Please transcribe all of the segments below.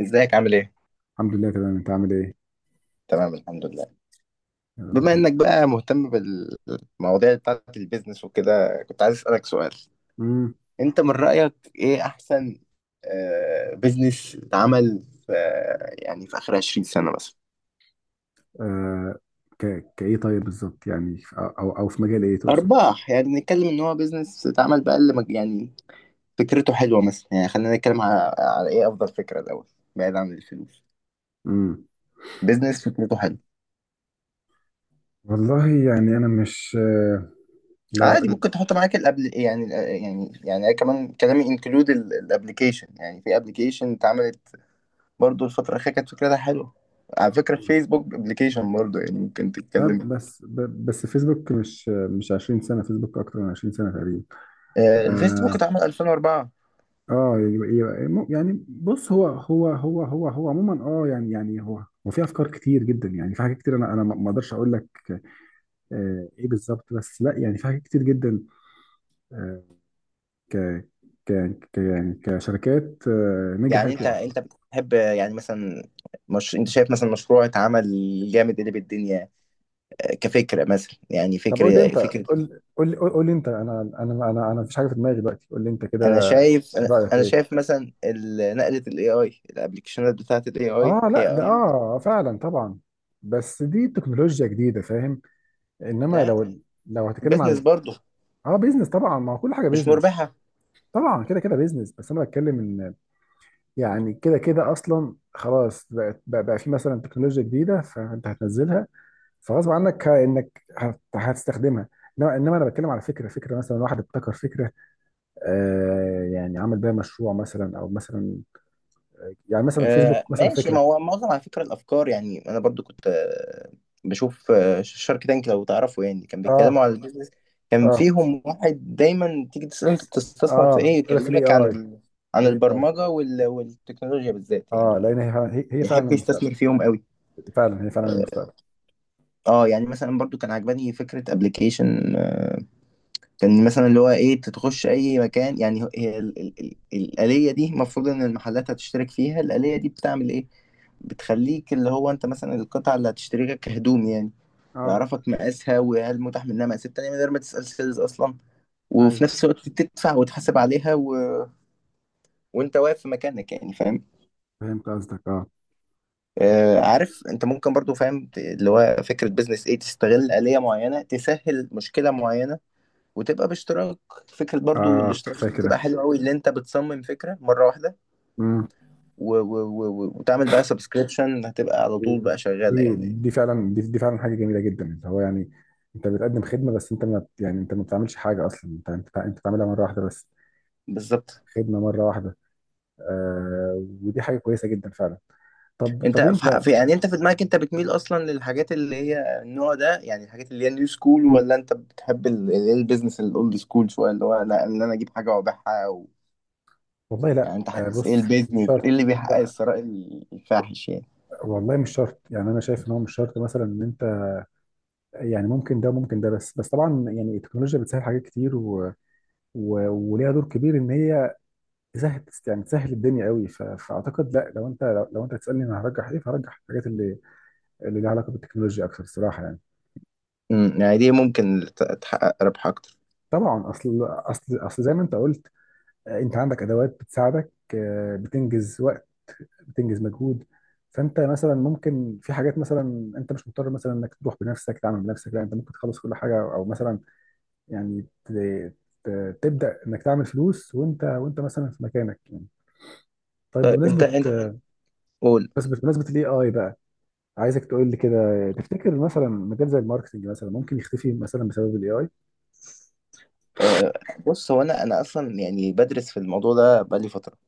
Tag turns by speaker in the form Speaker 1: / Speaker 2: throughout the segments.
Speaker 1: ازيك عامل ايه؟
Speaker 2: الحمد لله تمام، انت عامل ايه؟
Speaker 1: تمام الحمد لله.
Speaker 2: يا رب
Speaker 1: بما
Speaker 2: دايما.
Speaker 1: انك بقى مهتم بالمواضيع بتاعت البيزنس وكده كنت عايز اسألك سؤال.
Speaker 2: امم
Speaker 1: انت من رأيك ايه احسن بيزنس اتعمل في، يعني في اخر 20 سنة مثلا؟
Speaker 2: آه كايه طيب، بالظبط يعني او او أو في مجال ايه تقصد؟
Speaker 1: ارباح، يعني نتكلم ان هو بيزنس اتعمل بقى اللي يعني فكرته حلوة مثلا. يعني خلينا نتكلم على ايه افضل فكرة الاول، بعيد عن الفلوس.
Speaker 2: امم
Speaker 1: بيزنس فكرته حلوه
Speaker 2: والله يعني انا مش لو...
Speaker 1: عادي. ممكن تحط معاك الابل، يعني أنا كمان كلامي انكلود الابلكيشن. يعني في ابلكيشن اتعملت برضو الفترة الأخيرة كانت فكرتها حلوة. على فكرة، فيسبوك ابلكيشن برضو يعني ممكن تتكلم.
Speaker 2: طب بس بس فيسبوك مش 20 سنه، فيسبوك اكتر من 20 سنه تقريبا.
Speaker 1: الفيسبوك
Speaker 2: اه
Speaker 1: اتعمل 2004.
Speaker 2: اه يعني بص، هو عموما يعني هو في افكار كتير جدا، يعني في حاجات كتير. انا ما اقدرش اقول لك ايه بالظبط، بس لا يعني في حاجات كتير جدا. آه، ك ك يعني كشركات
Speaker 1: يعني
Speaker 2: نجحت
Speaker 1: انت
Speaker 2: وقفت.
Speaker 1: انت بتحب يعني مثلا، مش انت شايف مثلا مشروع اتعمل جامد اللي بالدنيا كفكرة، مثلا يعني
Speaker 2: طب قول لي
Speaker 1: فكرة
Speaker 2: انت،
Speaker 1: فكرة.
Speaker 2: قول لي انت. انا مفيش حاجه في دماغي دلوقتي، قول لي انت
Speaker 1: انا
Speaker 2: كده.
Speaker 1: شايف انا
Speaker 2: رايك
Speaker 1: أنا
Speaker 2: ايه؟
Speaker 1: شايف مثلا نقلة الاي اي، الابلكيشنات بتاعت الاي اي
Speaker 2: اه لا،
Speaker 1: هي.
Speaker 2: ده اه فعلا طبعا، بس دي تكنولوجيا جديده فاهم. انما
Speaker 1: لا،
Speaker 2: لو... لو هتكلم
Speaker 1: بيزنس
Speaker 2: عن
Speaker 1: برضو
Speaker 2: اه بيزنس طبعا، ما هو كل حاجه
Speaker 1: مش
Speaker 2: بيزنس.
Speaker 1: مربحة.
Speaker 2: طبعا كده كده بيزنس، بس انا بتكلم ان يعني كده كده اصلا خلاص بقت بقى بقى في مثلا تكنولوجيا جديده، فانت هتنزلها، فغصب عنك انك هتستخدمها. انما انا بتكلم على فكره، مثلا واحد ابتكر فكره يعني عمل بيها مشروع مثلا، او مثلا يعني مثلا فيسبوك مثلا
Speaker 1: ماشي. ما
Speaker 2: فكره.
Speaker 1: هو معظم، على فكرة، الأفكار يعني أنا برضو كنت بشوف شارك تانك. لو تعرفوا، يعني كان
Speaker 2: اه
Speaker 1: بيتكلموا على البيزنس، كان
Speaker 2: اه
Speaker 1: فيهم واحد دايما تيجي تسأله أنت بتستثمر في
Speaker 2: اه
Speaker 1: إيه
Speaker 2: إيه؟ في الاي
Speaker 1: يكلمك عن
Speaker 2: اي.
Speaker 1: عن
Speaker 2: الاي اي
Speaker 1: البرمجة والتكنولوجيا بالذات
Speaker 2: اه،
Speaker 1: يعني،
Speaker 2: لان هي فعلا هي فعلا
Speaker 1: يحب
Speaker 2: المستقبل.
Speaker 1: يستثمر فيهم قوي.
Speaker 2: فعلا هي فعلا
Speaker 1: اه.
Speaker 2: المستقبل.
Speaker 1: يعني مثلا برضو كان عجباني فكرة ابلكيشن، كان مثلا اللي هو ايه، تتخش اي مكان. يعني هي الآلية دي المفروض ان المحلات هتشترك فيها. الآلية دي بتعمل ايه؟ بتخليك، اللي هو انت مثلا القطعة اللي هتشتريها كهدوم يعني،
Speaker 2: اه
Speaker 1: يعرفك مقاسها وهل متاح منها مقاسات تانية من غير ما تسأل سيلز أصلا. وفي
Speaker 2: ايوه،
Speaker 1: نفس الوقت تدفع وتحاسب عليها وأنت واقف في مكانك يعني، فاهم.
Speaker 2: فهمت قصدك. اه
Speaker 1: آه، عارف أنت، ممكن برضو فاهم، اللي هو فكرة بيزنس إيه؟ تستغل آلية معينة تسهل مشكلة معينة وتبقى باشتراك. فكرة برضو
Speaker 2: اه
Speaker 1: الاشتراك دي بتبقى
Speaker 2: فاكره.
Speaker 1: حلوة قوي، اللي انت بتصمم فكرة مرة واحدة
Speaker 2: امم
Speaker 1: و وتعمل بقى سبسكريبشن هتبقى على طول بقى شغالة
Speaker 2: دي
Speaker 1: يعني.
Speaker 2: دي فعلا، دي فعلا حاجه جميله جدا، اللي هو يعني انت بتقدم خدمه، بس انت ما بت- يعني انت ما بتعملش حاجه اصلا. انت بتعملها مره واحده بس.
Speaker 1: بالظبط.
Speaker 2: خدمه مره واحده. آه، ودي حاجه كويسه جدا فعلا. طب
Speaker 1: انت
Speaker 2: طب انت...
Speaker 1: في يعني انت في دماغك انت بتميل اصلا للحاجات اللي هي النوع ده، يعني الحاجات اللي هي نيو سكول، ولا انت بتحب البيزنس الاولد سكول شوية، اللي هو لا، ان انا اجيب حاجة وابيعها
Speaker 2: والله
Speaker 1: يعني
Speaker 2: لا،
Speaker 1: انت
Speaker 2: آه
Speaker 1: حاسس ايه
Speaker 2: بص مش
Speaker 1: البيزنس ايه
Speaker 2: شرط.
Speaker 1: اللي بيحقق
Speaker 2: لا
Speaker 1: الثراء الفاحش يعني؟
Speaker 2: والله، مش شرط يعني. انا شايف ان هو مش شرط مثلا ان انت يعني ممكن ده وممكن ده. بس طبعا يعني التكنولوجيا بتسهل حاجات كتير وليها دور كبير، ان هي تسهل يعني تسهل الدنيا قوي. فاعتقد لا، لو انت... لو انت تسالني انا هرجح ايه، فهرجح الحاجات اللي اللي ليها علاقه بالتكنولوجيا اكثر الصراحه يعني.
Speaker 1: يعني دي ممكن تحقق ربح اكتر.
Speaker 2: طبعا، اصل زي ما انت قلت. آه، انت عندك ادوات بتساعدك آه، بتنجز وقت، بتنجز مجهود. فانت مثلا ممكن في حاجات، مثلا انت مش مضطر مثلا انك تروح بنفسك تعمل بنفسك. لا، انت ممكن تخلص كل حاجه، او مثلا يعني تبدا انك تعمل فلوس وانت مثلا في مكانك يعني. طيب،
Speaker 1: طيب انت انت قول.
Speaker 2: بمناسبه الاي اي بقى، عايزك تقول لي كده، تفتكر مثلا مجال زي الماركتنج مثلا ممكن يختفي مثلا بسبب الاي اي؟
Speaker 1: آه، بص، هو انا اصلا يعني بدرس في الموضوع ده بقالي فتره.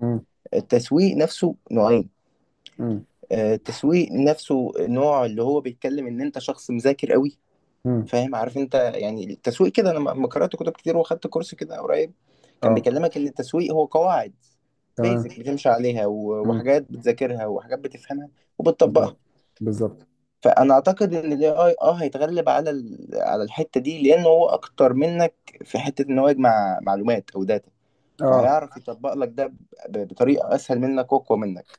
Speaker 2: امم
Speaker 1: التسويق نفسه نوعين.
Speaker 2: امم
Speaker 1: التسويق نفسه نوع اللي هو بيتكلم ان انت شخص مذاكر قوي،
Speaker 2: امم
Speaker 1: فاهم عارف انت. يعني التسويق كده، انا لما قرات كتب كتير واخدت كورس كده قريب، كان
Speaker 2: اه
Speaker 1: بيكلمك ان التسويق هو قواعد
Speaker 2: تمام.
Speaker 1: بيزك بتمشي عليها
Speaker 2: امم
Speaker 1: وحاجات بتذاكرها وحاجات بتفهمها وبتطبقها.
Speaker 2: بالظبط، بالظبط.
Speaker 1: فانا اعتقد ان الاي اي هيتغلب على على الحته دي، لان هو اكتر منك في حته ان هو يجمع معلومات او داتا.
Speaker 2: اه
Speaker 1: فهيعرف يطبق لك ده بطريقه اسهل منك واقوى منك.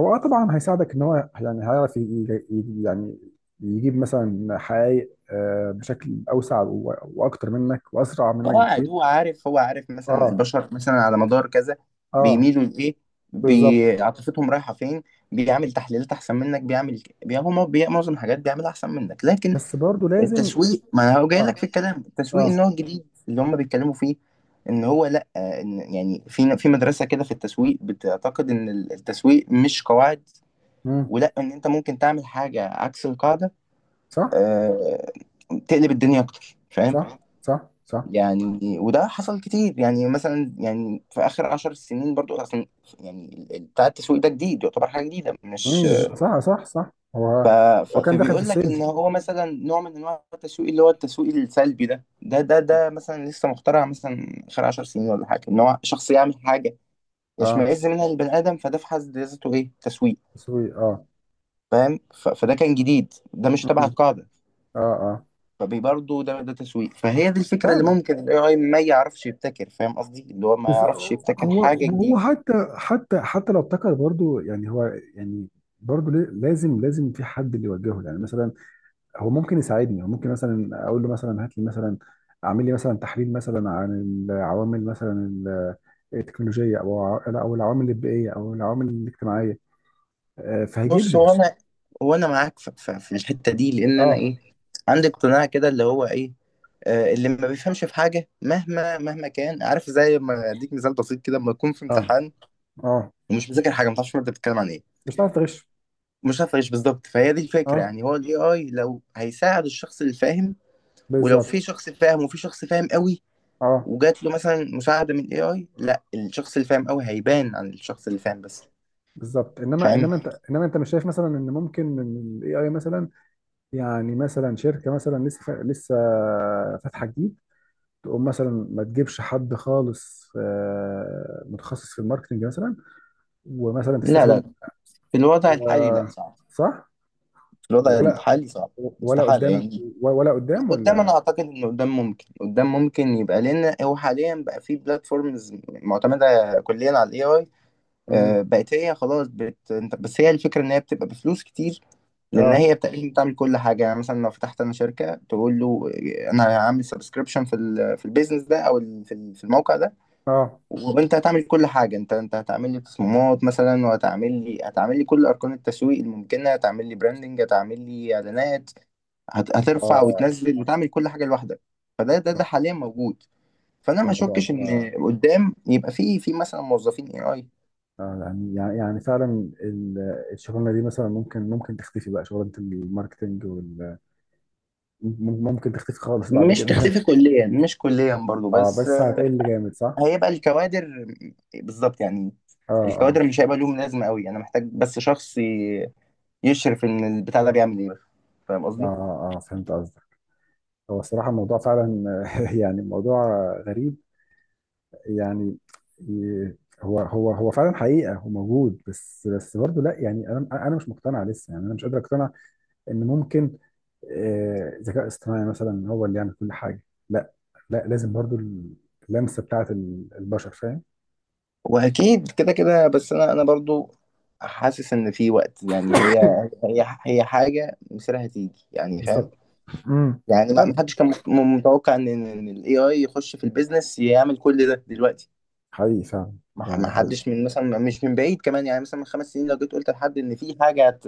Speaker 2: هو آه طبعا هيساعدك ان هو يعني هيعرف يعني يجيب مثلا حقائق آه، بشكل اوسع واكتر منك واسرع منك
Speaker 1: هو قاعد،
Speaker 2: بكتير.
Speaker 1: هو عارف، مثلا
Speaker 2: اه
Speaker 1: البشر مثلا على مدار كذا
Speaker 2: اه
Speaker 1: بيميلوا لايه،
Speaker 2: بالظبط،
Speaker 1: عاطفتهم رايحه فين. بيعمل تحليلات احسن منك، بيعمل بي... هو مو- بي... معظم الحاجات بيعملها احسن منك. لكن
Speaker 2: بس برضه لازم.
Speaker 1: التسويق، ما هو جاي
Speaker 2: اه
Speaker 1: لك في الكلام، التسويق
Speaker 2: اه
Speaker 1: النوع الجديد اللي هم بيتكلموا فيه، ان هو لا، ان يعني في مدرسه كده في التسويق بتعتقد ان التسويق مش قواعد،
Speaker 2: مم.
Speaker 1: ولا ان انت ممكن تعمل حاجه عكس القاعده.
Speaker 2: صح
Speaker 1: آه، تقلب الدنيا اكتر، فاهم؟
Speaker 2: صح.
Speaker 1: يعني وده حصل كتير يعني، مثلا يعني في اخر 10 سنين برضو اصلا، يعني بتاع التسويق ده جديد، يعتبر حاجه جديده،
Speaker 2: مم.
Speaker 1: مش...
Speaker 2: صح
Speaker 1: ف...
Speaker 2: هو هو كان داخل في
Speaker 1: فبيقول لك
Speaker 2: السيلز.
Speaker 1: ان هو مثلا نوع من انواع التسويق، اللي هو التسويق السلبي ده مثلا لسه مخترع مثلا خلال 10 سنين ولا حاجه، ان هو شخص يعمل حاجه
Speaker 2: اه
Speaker 1: يشمئز منها البني ادم، فده في حد ذاته ايه؟ تسويق.
Speaker 2: تسويق اه.
Speaker 1: فاهم؟ فده كان جديد، ده مش تبع
Speaker 2: مم.
Speaker 1: القاعده،
Speaker 2: اه اه
Speaker 1: فبرضه ده تسويق. فهي دي الفكره اللي
Speaker 2: فعلا،
Speaker 1: ممكن الاي اي ما يعرفش يبتكر. فاهم قصدي؟ اللي هو ما
Speaker 2: بس
Speaker 1: يعرفش يبتكر
Speaker 2: هو...
Speaker 1: حاجه
Speaker 2: وهو
Speaker 1: جديده.
Speaker 2: حتى حتى حتى لو ابتكر برضو يعني هو... يعني برضو لازم في حد اللي يوجهه يعني مثلا. هو ممكن يساعدني، هو ممكن مثلا اقول له مثلا هات لي مثلا، اعمل لي مثلا تحليل مثلا عن العوامل مثلا التكنولوجيه، او لا، او العوامل البيئيه او العوامل الاجتماعيه. آه، فهيجيب
Speaker 1: بص،
Speaker 2: لي...
Speaker 1: هو انا معاك في، في الحته دي، لان انا
Speaker 2: اه
Speaker 1: ايه؟ عندي اقتناع كده اللي هو ايه؟ اللي ما بيفهمش في حاجه مهما مهما كان، عارف؟ زي ما اديك مثال بسيط كده، لما يكون في
Speaker 2: اه
Speaker 1: امتحان
Speaker 2: اه
Speaker 1: ومش مذاكر حاجه، ما تعرفش الماده بتتكلم عن ايه،
Speaker 2: مش هتعرف تغش.
Speaker 1: مش عارف ايش بالظبط. فهي دي الفكره.
Speaker 2: اه
Speaker 1: يعني هو الاي اي لو هيساعد الشخص اللي فاهم، ولو في
Speaker 2: بالظبط.
Speaker 1: شخص فاهم وفي شخص فاهم قوي
Speaker 2: اه
Speaker 1: وجات له مثلا مساعده من الاي اي، لا، الشخص اللي فاهم قوي هيبان عن الشخص اللي فاهم بس،
Speaker 2: بالظبط، انما
Speaker 1: فاهم؟
Speaker 2: انما انت انما انت مش شايف مثلا ان ممكن ان الاي اي مثلا يعني، مثلا شركة مثلا لسه فاتحة جديد، تقوم مثلا ما تجيبش حد خالص آه، متخصص في الماركتنج مثلا، ومثلا
Speaker 1: لا لا،
Speaker 2: تستخدم...
Speaker 1: في الوضع الحالي لا،
Speaker 2: آه،
Speaker 1: صعب.
Speaker 2: صح.
Speaker 1: الوضع
Speaker 2: ولا...
Speaker 1: الحالي صعب،
Speaker 2: ولا
Speaker 1: استحالة
Speaker 2: قدام؟
Speaker 1: يعني.
Speaker 2: ولا
Speaker 1: لا،
Speaker 2: قدام؟
Speaker 1: قدام
Speaker 2: ولا...
Speaker 1: أنا أعتقد إن قدام ممكن، قدام ممكن يبقى، لأن هو حاليا بقى في بلاتفورمز معتمدة كليا على ال AI.
Speaker 2: مم.
Speaker 1: بقت هي خلاص بس هي الفكرة إن هي بتبقى بفلوس كتير، لأن
Speaker 2: اه
Speaker 1: هي تقريبا بتعمل كل حاجة. يعني مثلا لو فتحت أنا شركة تقول له أنا هعمل سبسكريبشن في في البيزنس ده، أو في الموقع ده،
Speaker 2: اه
Speaker 1: وأنت هتعمل كل حاجة. أنت هتعمل لي تصميمات مثلا، وهتعمل لي هتعمل لي كل أركان التسويق الممكنة، هتعمل لي براندنج، هتعمل لي إعلانات، هترفع
Speaker 2: اه
Speaker 1: وتنزل وتعمل كل حاجه لوحدك. فده ده حاليا موجود. فانا ما
Speaker 2: الموضوع
Speaker 1: اشكش
Speaker 2: آه.
Speaker 1: ان قدام يبقى في مثلا موظفين اي اي.
Speaker 2: آه، يعني يعني يعني فعلا ال- الشغلانه دي مثلا ممكن تختفي بقى. شغلانه الماركتنج وال... ممكن تختفي خالص بعد
Speaker 1: مش
Speaker 2: كده.
Speaker 1: تختفي كليا، مش كليا برضو،
Speaker 2: اه،
Speaker 1: بس
Speaker 2: بس هتقل جامد صح؟
Speaker 1: هيبقى الكوادر. بالظبط يعني.
Speaker 2: اه اه
Speaker 1: الكوادر مش هيبقى لهم لازمه قوي، انا محتاج بس شخص يشرف ان البتاع ده بيعمل ايه. فاهم قصدي؟
Speaker 2: اه آه، فهمت قصدك. هو الصراحة الموضوع فعلا يعني موضوع غريب يعني. ي- هو فعلا، حقيقة هو موجود بس. برضه لا يعني، انا مش مقتنع لسه، يعني انا مش قادر اقتنع ان ممكن آه، ذكاء اصطناعي مثلا هو اللي يعمل كل حاجة. لا. لازم برضه اللمسة بتاعت البشر فاهم.
Speaker 1: واكيد كده كده. بس انا برضو حاسس ان في وقت، يعني هي، هي حاجه مصيرها هتيجي يعني، فاهم؟
Speaker 2: بالظبط. امم
Speaker 1: يعني ما
Speaker 2: فعلا.
Speaker 1: حدش كان متوقع ان الاي اي يخش في البيزنس يعمل كل ده دلوقتي.
Speaker 2: حقيقي فعلا. ده
Speaker 1: ما
Speaker 2: ده حقيقي.
Speaker 1: حدش من مثلا، مش من بعيد كمان، يعني مثلا من 5 سنين لو جيت قلت لحد ان في حاجه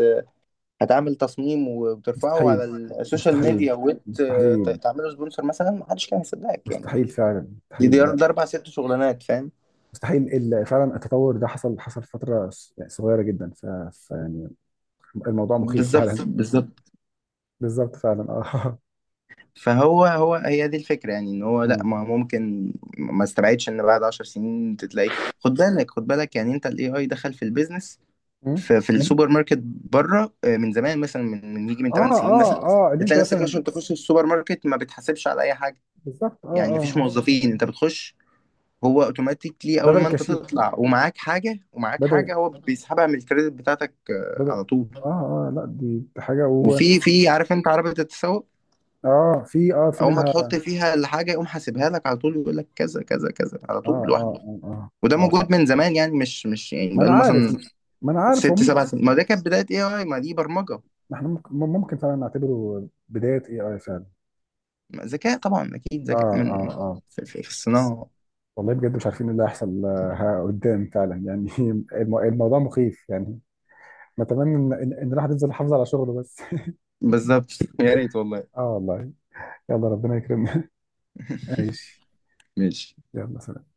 Speaker 1: هتعمل تصميم وترفعه
Speaker 2: مستحيل.
Speaker 1: على السوشيال
Speaker 2: مستحيل.
Speaker 1: ميديا
Speaker 2: مستحيل.
Speaker 1: وتعمله سبونسر مثلا، ما حدش كان هيصدقك يعني.
Speaker 2: مستحيل فعلا،
Speaker 1: دي دي
Speaker 2: مستحيل.
Speaker 1: ده اربع ست شغلانات، فاهم؟
Speaker 2: مستحيل فعلا التطور ده حصل، حصل في فتره يعني صغيره جدا. ف... ف يعني الموضوع مخيف فعلا،
Speaker 1: بالظبط
Speaker 2: بالظبط.
Speaker 1: بالظبط.
Speaker 2: بالظبط فعلا اه.
Speaker 1: فهو هو هي دي الفكره، يعني ان هو لا،
Speaker 2: مم.
Speaker 1: ما هو ممكن، ما استبعدش ان بعد 10 سنين تلاقي. خد بالك خد بالك، يعني انت الاي اي دخل في البيزنس،
Speaker 2: مم.
Speaker 1: في السوبر ماركت بره من زمان، مثلا من يجي من
Speaker 2: اه
Speaker 1: 8
Speaker 2: بالظبط،
Speaker 1: سنين مثلا،
Speaker 2: ان انت
Speaker 1: بتلاقي نفسك
Speaker 2: مثلا.
Speaker 1: مثلا تخش السوبر ماركت، ما بتحاسبش على اي حاجه.
Speaker 2: بالظبط،
Speaker 1: يعني مفيش موظفين، انت بتخش، هو اوتوماتيكلي
Speaker 2: بدل
Speaker 1: اول
Speaker 2: بالظبط
Speaker 1: ما انت
Speaker 2: الكشيك.
Speaker 1: تطلع ومعاك حاجه ومعاك حاجه
Speaker 2: بدل
Speaker 1: هو بيسحبها من الكريدت بتاعتك
Speaker 2: بدل
Speaker 1: على طول.
Speaker 2: اه. اه لا دي، دي حاجه و...
Speaker 1: وفي عارف انت عربيه التسوق؟
Speaker 2: اه في، اه في
Speaker 1: اول ما
Speaker 2: منها اه.
Speaker 1: تحط فيها الحاجه يقوم حاسبها لك على طول، يقول لك كذا كذا كذا على طول لوحده.
Speaker 2: اه, آه.
Speaker 1: وده
Speaker 2: وده
Speaker 1: موجود
Speaker 2: فعلا،
Speaker 1: من زمان يعني، مش يعني
Speaker 2: ما انا
Speaker 1: بقاله
Speaker 2: وده عارف
Speaker 1: مثلا
Speaker 2: مثلا، ما انا عارف
Speaker 1: ست
Speaker 2: هم.
Speaker 1: سبع سنين. ما ده كانت بدايه اي اي، ما دي برمجه،
Speaker 2: احنا ممكن، فعلا نعتبره بدايه اي اي فعلا.
Speaker 1: ذكاء. طبعا اكيد
Speaker 2: اه
Speaker 1: ذكاء
Speaker 2: اه
Speaker 1: من،
Speaker 2: اه
Speaker 1: في، في الصناعه.
Speaker 2: والله، بجد مش عارفين ايه اللي هيحصل آه، قدام فعلا يعني. الموضوع مخيف يعني. نتمنى ان ان إن الواحد يفضل يحافظ على شغله بس.
Speaker 1: بالظبط يا ريت والله.
Speaker 2: اه والله. يلا ربنا يكرمنا. ماشي.
Speaker 1: ماشي.
Speaker 2: يلا سلام.